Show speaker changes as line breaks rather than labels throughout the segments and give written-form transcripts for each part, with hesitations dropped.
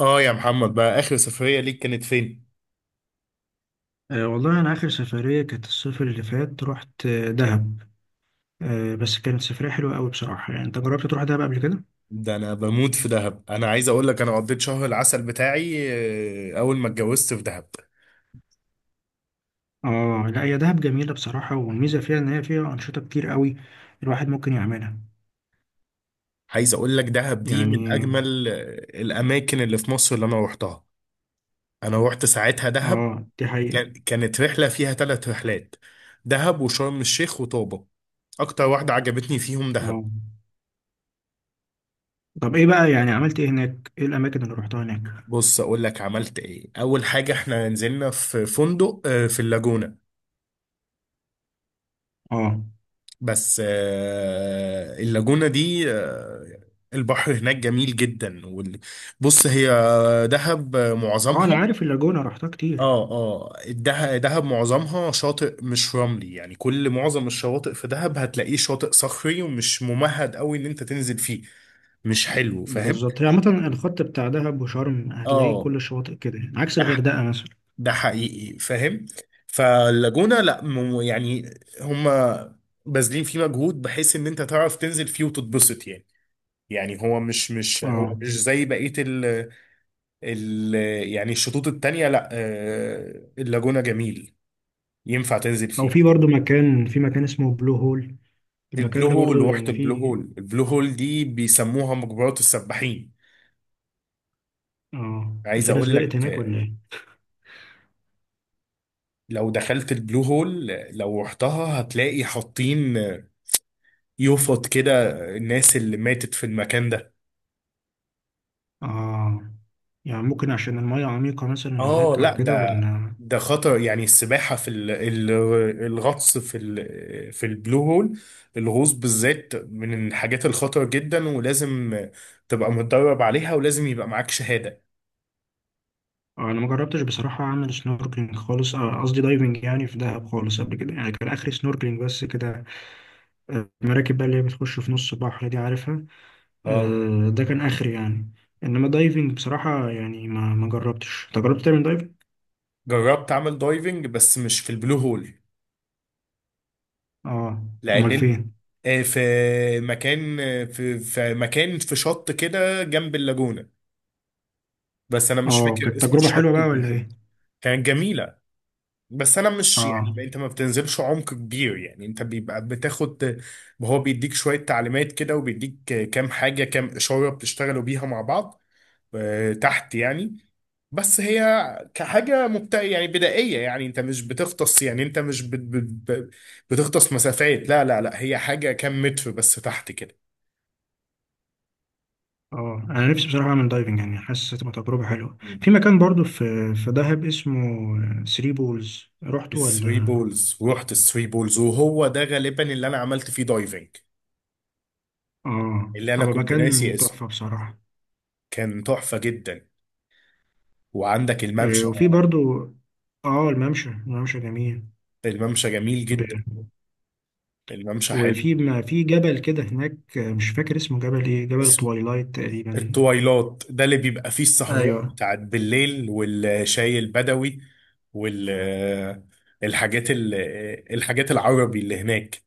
اه يا محمد بقى اخر سفرية ليك كانت فين؟
والله أنا آخر سفرية كانت الصيف اللي فات رحت دهب. بس كانت سفرية حلوة أوي بصراحة، يعني أنت جربت تروح دهب قبل كده؟
ده انا بموت في دهب، انا عايز اقول لك انا قضيت شهر العسل بتاعي اول ما اتجوزت في دهب.
آه لا، هي دهب جميلة بصراحة، والميزة فيها إن هي فيها أنشطة كتير أوي الواحد ممكن يعملها.
عايز اقول لك دهب دي من
يعني
اجمل الاماكن اللي في مصر اللي انا روحتها. انا روحت ساعتها دهب،
آه، دي حقيقة.
كانت رحلة فيها ثلاث رحلات: دهب وشرم الشيخ وطوبة. اكتر واحدة عجبتني فيهم دهب.
آه طب إيه بقى، يعني عملت إيه هناك؟ إيه الأماكن اللي روحتها هناك؟
بص اقول لك عملت ايه، اول حاجة احنا نزلنا في فندق في اللاجونة.
آه.
بس اللاجونة دي البحر هناك جميل جدا بص هي دهب
آه أنا
معظمها،
عارف اللاجونة، روحتها كتير.
دهب معظمها شاطئ مش رملي، يعني كل معظم الشواطئ في دهب هتلاقيه شاطئ صخري ومش ممهد قوي ان انت تنزل فيه، مش حلو، فاهم؟
بالظبط، هي عامة الخط بتاع دهب وشرم هتلاقيه
اه،
كل الشواطئ كده يعني، عكس
ده ح-
الغردقة مثلا.
ده حقيقي، فاهم؟ فاللاجونة لا يعني هما باذلين فيه مجهود بحيث ان انت تعرف تنزل فيه وتتبسط يعني. يعني هو مش مش هو
آه،
مش زي بقية ال يعني الشطوط التانية، لا اللاجونة جميل، ينفع تنزل
أو في
فيه.
برضو مكان، في مكان اسمه بلو هول، المكان
البلو
ده
هول،
برضو
روحة
يعني
البلو
في.
هول، البلو هول دي بيسموها مجبرات السباحين.
اه
عايز
في ناس
اقول
غرقت
لك
هناك ولا ايه؟
لو دخلت البلو هول لو رحتها هتلاقي حاطين يفط كده الناس اللي ماتت في المكان ده.
اه يعني ممكن عشان المية عميقة مثلا
اه
هناك أو
لا،
كده،
ده
ولا؟
ده خطر، يعني السباحة الغطس في البلو هول، الغوص بالذات من الحاجات الخطر جدا، ولازم تبقى متدرب عليها ولازم يبقى معاك شهادة.
أنا ما جربتش بصراحة أعمل سنوركلينج خالص، قصدي دايفنج يعني في دهب خالص قبل كده، يعني كان آخري سنوركلينج بس كده. المراكب بقى اللي هي بتخش في نص البحر دي عارفها.
اه،
ده كان آخري يعني. إنما دايفنج بصراحة يعني ما جربتش. أنت جربت تعمل دايفنج؟
جربت اعمل دايفنج بس مش في البلو هول
آه.
لان
أمال فين؟
في مكان، في مكان في شط كده جنب اللاجونة، بس انا مش
آه
فاكر
كانت
اسم
تجربة
الشط
حلوة بقى ولا إيه؟
بالظبط. كانت جميلة بس انا مش يعني،
آه.
انت ما بتنزلش عمق كبير، يعني انت بيبقى بتاخد، هو بيديك شوية تعليمات كده وبيديك كام حاجة، كام إشارة بتشتغلوا بيها مع بعض تحت يعني. بس هي كحاجة مبتدئة يعني بدائية، يعني انت مش بتغطس، يعني انت مش بت- بتغطس مسافات، لا لا لا، هي حاجة كام متر بس تحت كده.
اه انا نفسي بصراحه اعمل دايفنج، يعني حاسس هتبقى تجربه حلوه.
مم.
في مكان برضو، في في دهب اسمه ثري بولز، رحته
الثري
ولا؟
بولز، ورحت الثري بولز وهو ده غالبا اللي انا عملت فيه دايفنج،
اه
اللي انا
هو
كنت ناسي
مكان
اسمه.
تحفه بصراحه.
كان تحفة جدا. وعندك الممشى،
وفي برضو. اه الممشى، الممشى جميل.
الممشى جميل
ب...
جدا، الممشى حلو.
وفي ما في جبل كده هناك، مش فاكر اسمه، جبل ايه، جبل
اسم-
التوايلايت تقريبا.
التويلات ده اللي بيبقى فيه السهرات
ايوه.
بتاعت بالليل والشاي البدوي وال الحاجات ال... الحاجات العربي اللي هناك.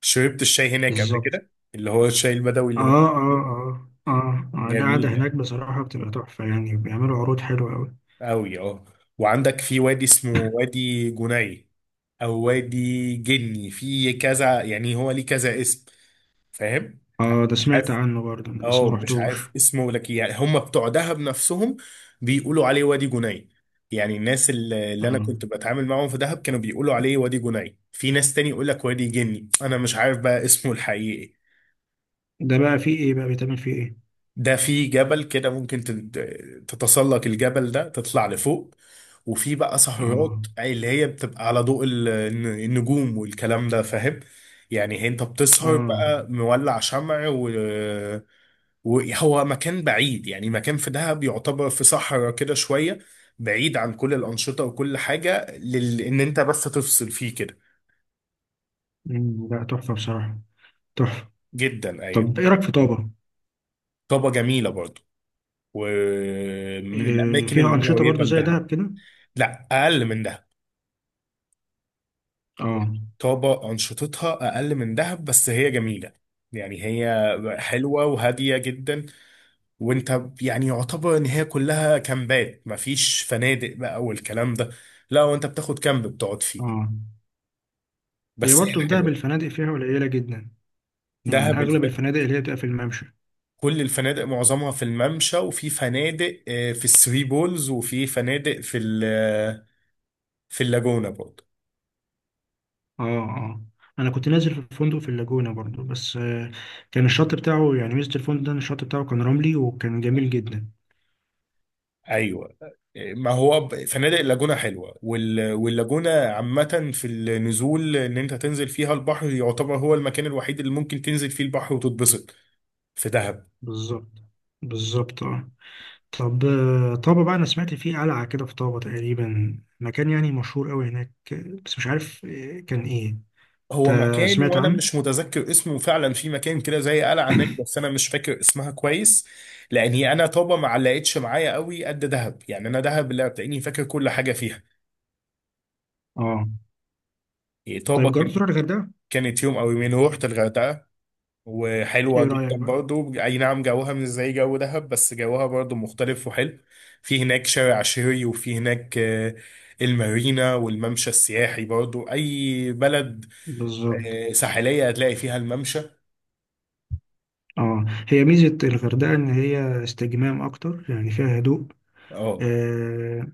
شربت الشاي هناك قبل
بالظبط.
كده، اللي هو الشاي البدوي
اه
اللي هم
اه
بيعملوه؟
اه اه، القعده
جميل
هناك بصراحه بتبقى تحفه، يعني بيعملوا عروض حلوه قوي.
قوي اه. وعندك في وادي اسمه وادي جني او وادي جني، في كذا يعني، هو ليه كذا اسم، فاهم؟
اه ده
مش
سمعت
عارف،
عنه برضه أنا، بس
اه
ما
مش عارف
رحتوش.
اسمه لك، يعني هم بتوع دهب نفسهم بيقولوا عليه وادي جني، يعني الناس اللي انا
اه
كنت بتعامل معاهم في دهب كانوا بيقولوا عليه وادي جني، في ناس تاني يقول لك وادي جني، انا مش عارف بقى اسمه الحقيقي.
ده بقى فيه ايه، بقى بيتعمل فيه ايه؟
ده في جبل كده ممكن تتسلق الجبل ده، تطلع لفوق، وفي بقى
اه.
سهرات، أي اللي هي بتبقى على ضوء النجوم والكلام ده، فاهم؟ يعني انت بتسهر
اه.
بقى مولع شمع، و وهو مكان بعيد، يعني مكان في دهب يعتبر في صحراء كده شوية، بعيد عن كل الأنشطة وكل حاجة، لل... إن أنت بس تفصل فيه كده.
لا تحفة بصراحة. تحفة.
جدا أيوة.
طب ايه رأيك في طابة؟
طابة جميلة برضو، ومن
إيه
الأماكن
فيها أنشطة
القريبة
برضو زي
لدهب.
دهب كده؟
لا، أقل من دهب،
اه.
يعني طابة أنشطتها أقل من دهب بس هي جميلة، يعني هي حلوة وهادية جدا. وأنت يعني يعتبر إن هي كلها كامبات، مفيش فنادق بقى والكلام ده، لا وأنت بتاخد كامب بتقعد فيه،
اه. هي
بس هي
برضو في دهب
حلوة.
الفنادق فيها قليلة جدا، يعني
دهب
أغلب الفنادق اللي هي بتبقى في الممشى.
كل الفنادق معظمها في الممشى، وفي فنادق في الثري بولز، وفي فنادق في ال... في اللاجونة برضه.
اه اه، أنا كنت نازل في فندق في اللاجونة برضو، بس آه كان الشط بتاعه، يعني ميزة الفندق ده إن الشط بتاعه كان رملي وكان جميل جدا.
ايوه، ما هو فنادق اللاجونه حلوه وال... واللاجونه عامه في النزول، ان انت تنزل فيها البحر، يعتبر هو المكان الوحيد اللي ممكن تنزل فيه البحر وتتبسط في دهب.
بالظبط. بالظبط اه. طب طابة بقى، أنا سمعت فيه قلعة كده في طابة تقريبا، مكان يعني مشهور أوي هناك، بس مش عارف كان إيه. أنت
هو مكان،
سمعت
وانا
عنه؟
مش متذكر اسمه فعلا، في مكان كده زي قلعه هناك بس انا مش فاكر اسمها كويس، لان هي انا طابه ما علقتش معايا قوي قد دهب، يعني انا دهب اللي هتلاقيني فاكر كل حاجه فيها.
آه.
إيه،
طيب جربت تروح الغردقة؟
كانت يوم او يومين روحت الغردقه، وحلوة
إيه
جدا
رأيك بقى؟
برضو، اي نعم جوها مش زي جو دهب بس جوها برضو مختلف وحلو. في هناك شارع شهري، وفي هناك المارينا والممشى السياحي، برضو اي بلد
بالظبط.
ساحلية هتلاقي فيها الممشى.
آه هي ميزة الغردقة إن هي استجمام أكتر، يعني فيها هدوء.
اه،
آه.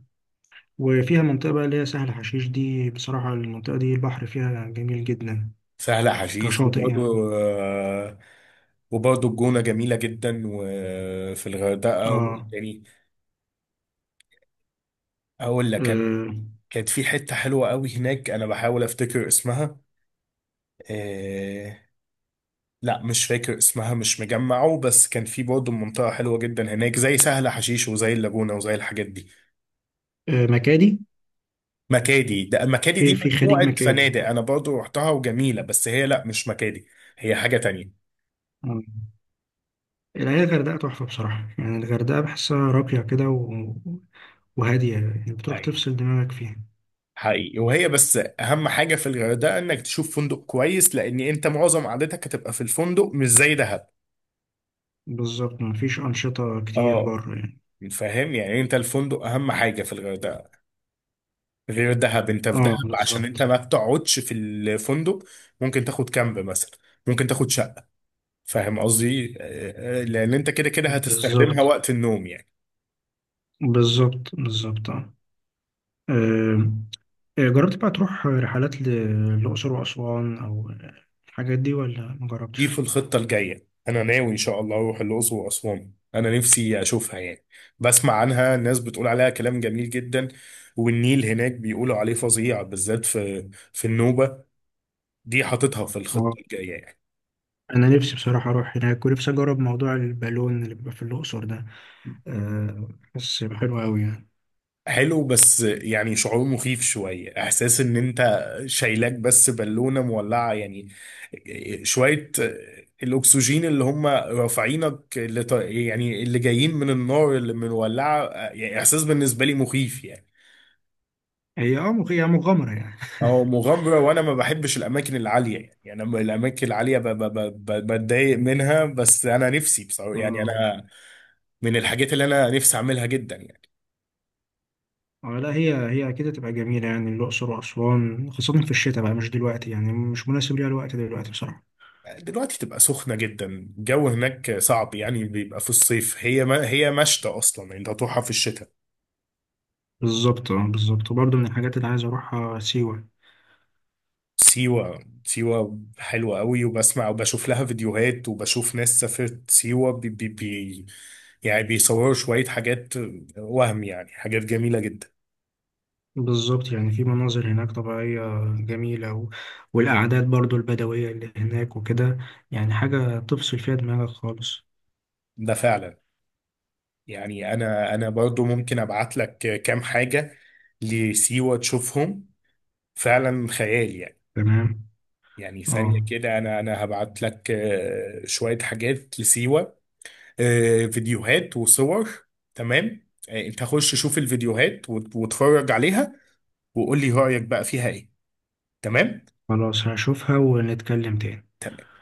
وفيها منطقة بقى اللي هي سهل حشيش، دي بصراحة المنطقة دي البحر فيها جميل جدا
سهل حشيش،
كشاطئ يعني.
وبرضو وبرضو الجونة جميلة جدا وفي الغردقة.
آه,
يعني أقول لك، كان
آه,
كانت في حتة حلوة قوي هناك، أنا بحاول أفتكر اسمها، آه، لا مش فاكر اسمها، مش مجمعه، بس كان في برضه منطقة حلوة جدا هناك زي سهل حشيش وزي اللاجونة وزي الحاجات دي.
آه مكادي.
مكادي، ده مكادي
في
دي
في خليج
مجموعة
مكادي.
فنادق أنا برضه رحتها وجميلة، بس هي لا، مش مكادي، هي حاجة تانية.
آه. الحقيقة الغردقة تحفة بصراحة، يعني الغردقة بحسها راقية كده، وهادية، يعني بتروح
أيوة
تفصل دماغك فيها.
حقيقي. وهي بس أهم حاجة في الغردقة إنك تشوف فندق كويس، لأن أنت معظم قعدتك هتبقى في الفندق، مش زي دهب.
بالظبط، مفيش أنشطة كتير
اه،
بره يعني.
فاهم؟ يعني أنت الفندق أهم حاجة في الغردقة، غير دهب. انت في
اه
دهب عشان انت
بالظبط
ما بتقعدش في الفندق، ممكن تاخد كامب مثلا، ممكن تاخد شقة، فاهم قصدي؟ لان انت كده كده هتستخدمها
بالظبط
وقت النوم يعني.
بالظبط بالظبط اه. آم، جربت بقى تروح رحلات للأقصر وأسوان أو الحاجات دي، ولا ما جربتش؟
دي في الخطة الجاية، انا ناوي ان شاء الله اروح الاقصر واسوان، انا نفسي اشوفها يعني، بسمع عنها ناس بتقول عليها كلام جميل جدا، والنيل هناك بيقولوا عليه فظيع بالذات في النوبة، دي حاططها في
اه
الخطة الجاية يعني.
أنا نفسي بصراحة أروح هناك، ونفسي أجرب موضوع البالون اللي بيبقى في الأقصر ده، آه، بس حلو أوي يعني.
حلو، بس يعني شعور مخيف شوية، احساس ان انت شايلاك بس بالونة مولعة يعني، شوية الاكسجين اللي هم رافعينك، اللي يعني اللي جايين من النار اللي مولعة، يعني احساس بالنسبة لي مخيف يعني.
هي اه هي مغامرة يعني.
او مغامرة، وانا ما بحبش الاماكن العالية يعني، يعني انا من الاماكن العالية بتضايق منها، بس انا نفسي بصراحة يعني،
اه.
انا من الحاجات اللي انا نفسي اعملها جدا يعني.
اه لا هي هي اكيد هتبقى جميله، يعني الاقصر واسوان خاصه في الشتاء بقى، مش دلوقتي يعني، مش مناسب ليها الوقت دلوقتي بصراحه.
دلوقتي تبقى سخنة جدا، الجو هناك صعب يعني، بيبقى في الصيف، هي ما هي مشتى أصلا، يعني انت هتروحها في الشتاء.
بالظبط اه بالظبط. وبرضه من الحاجات اللي عايز اروحها سيوه.
سيوة، سيوة حلوة قوي، وبسمع وبشوف لها فيديوهات، وبشوف ناس سافرت سيوة، بي بي بي يعني بيصوروا شوية حاجات، وهم يعني حاجات جميلة جدا.
بالظبط، يعني في مناظر هناك طبيعيه جميله والاعداد برضه البدويه اللي هناك وكده، يعني حاجه تفصل فيها دماغك خالص.
ده فعلا. يعني أنا برضو ممكن أبعت لك كام حاجة لسيوة تشوفهم، فعلا خيال يعني.
تمام.
يعني ثانية
اه
كده، أنا هبعت لك شوية حاجات لسيوة، فيديوهات وصور. تمام، أنت خش شوف الفيديوهات واتفرج عليها، وقول لي رأيك بقى فيها إيه، تمام؟
خلاص هشوفها ونتكلم تاني.
تمام.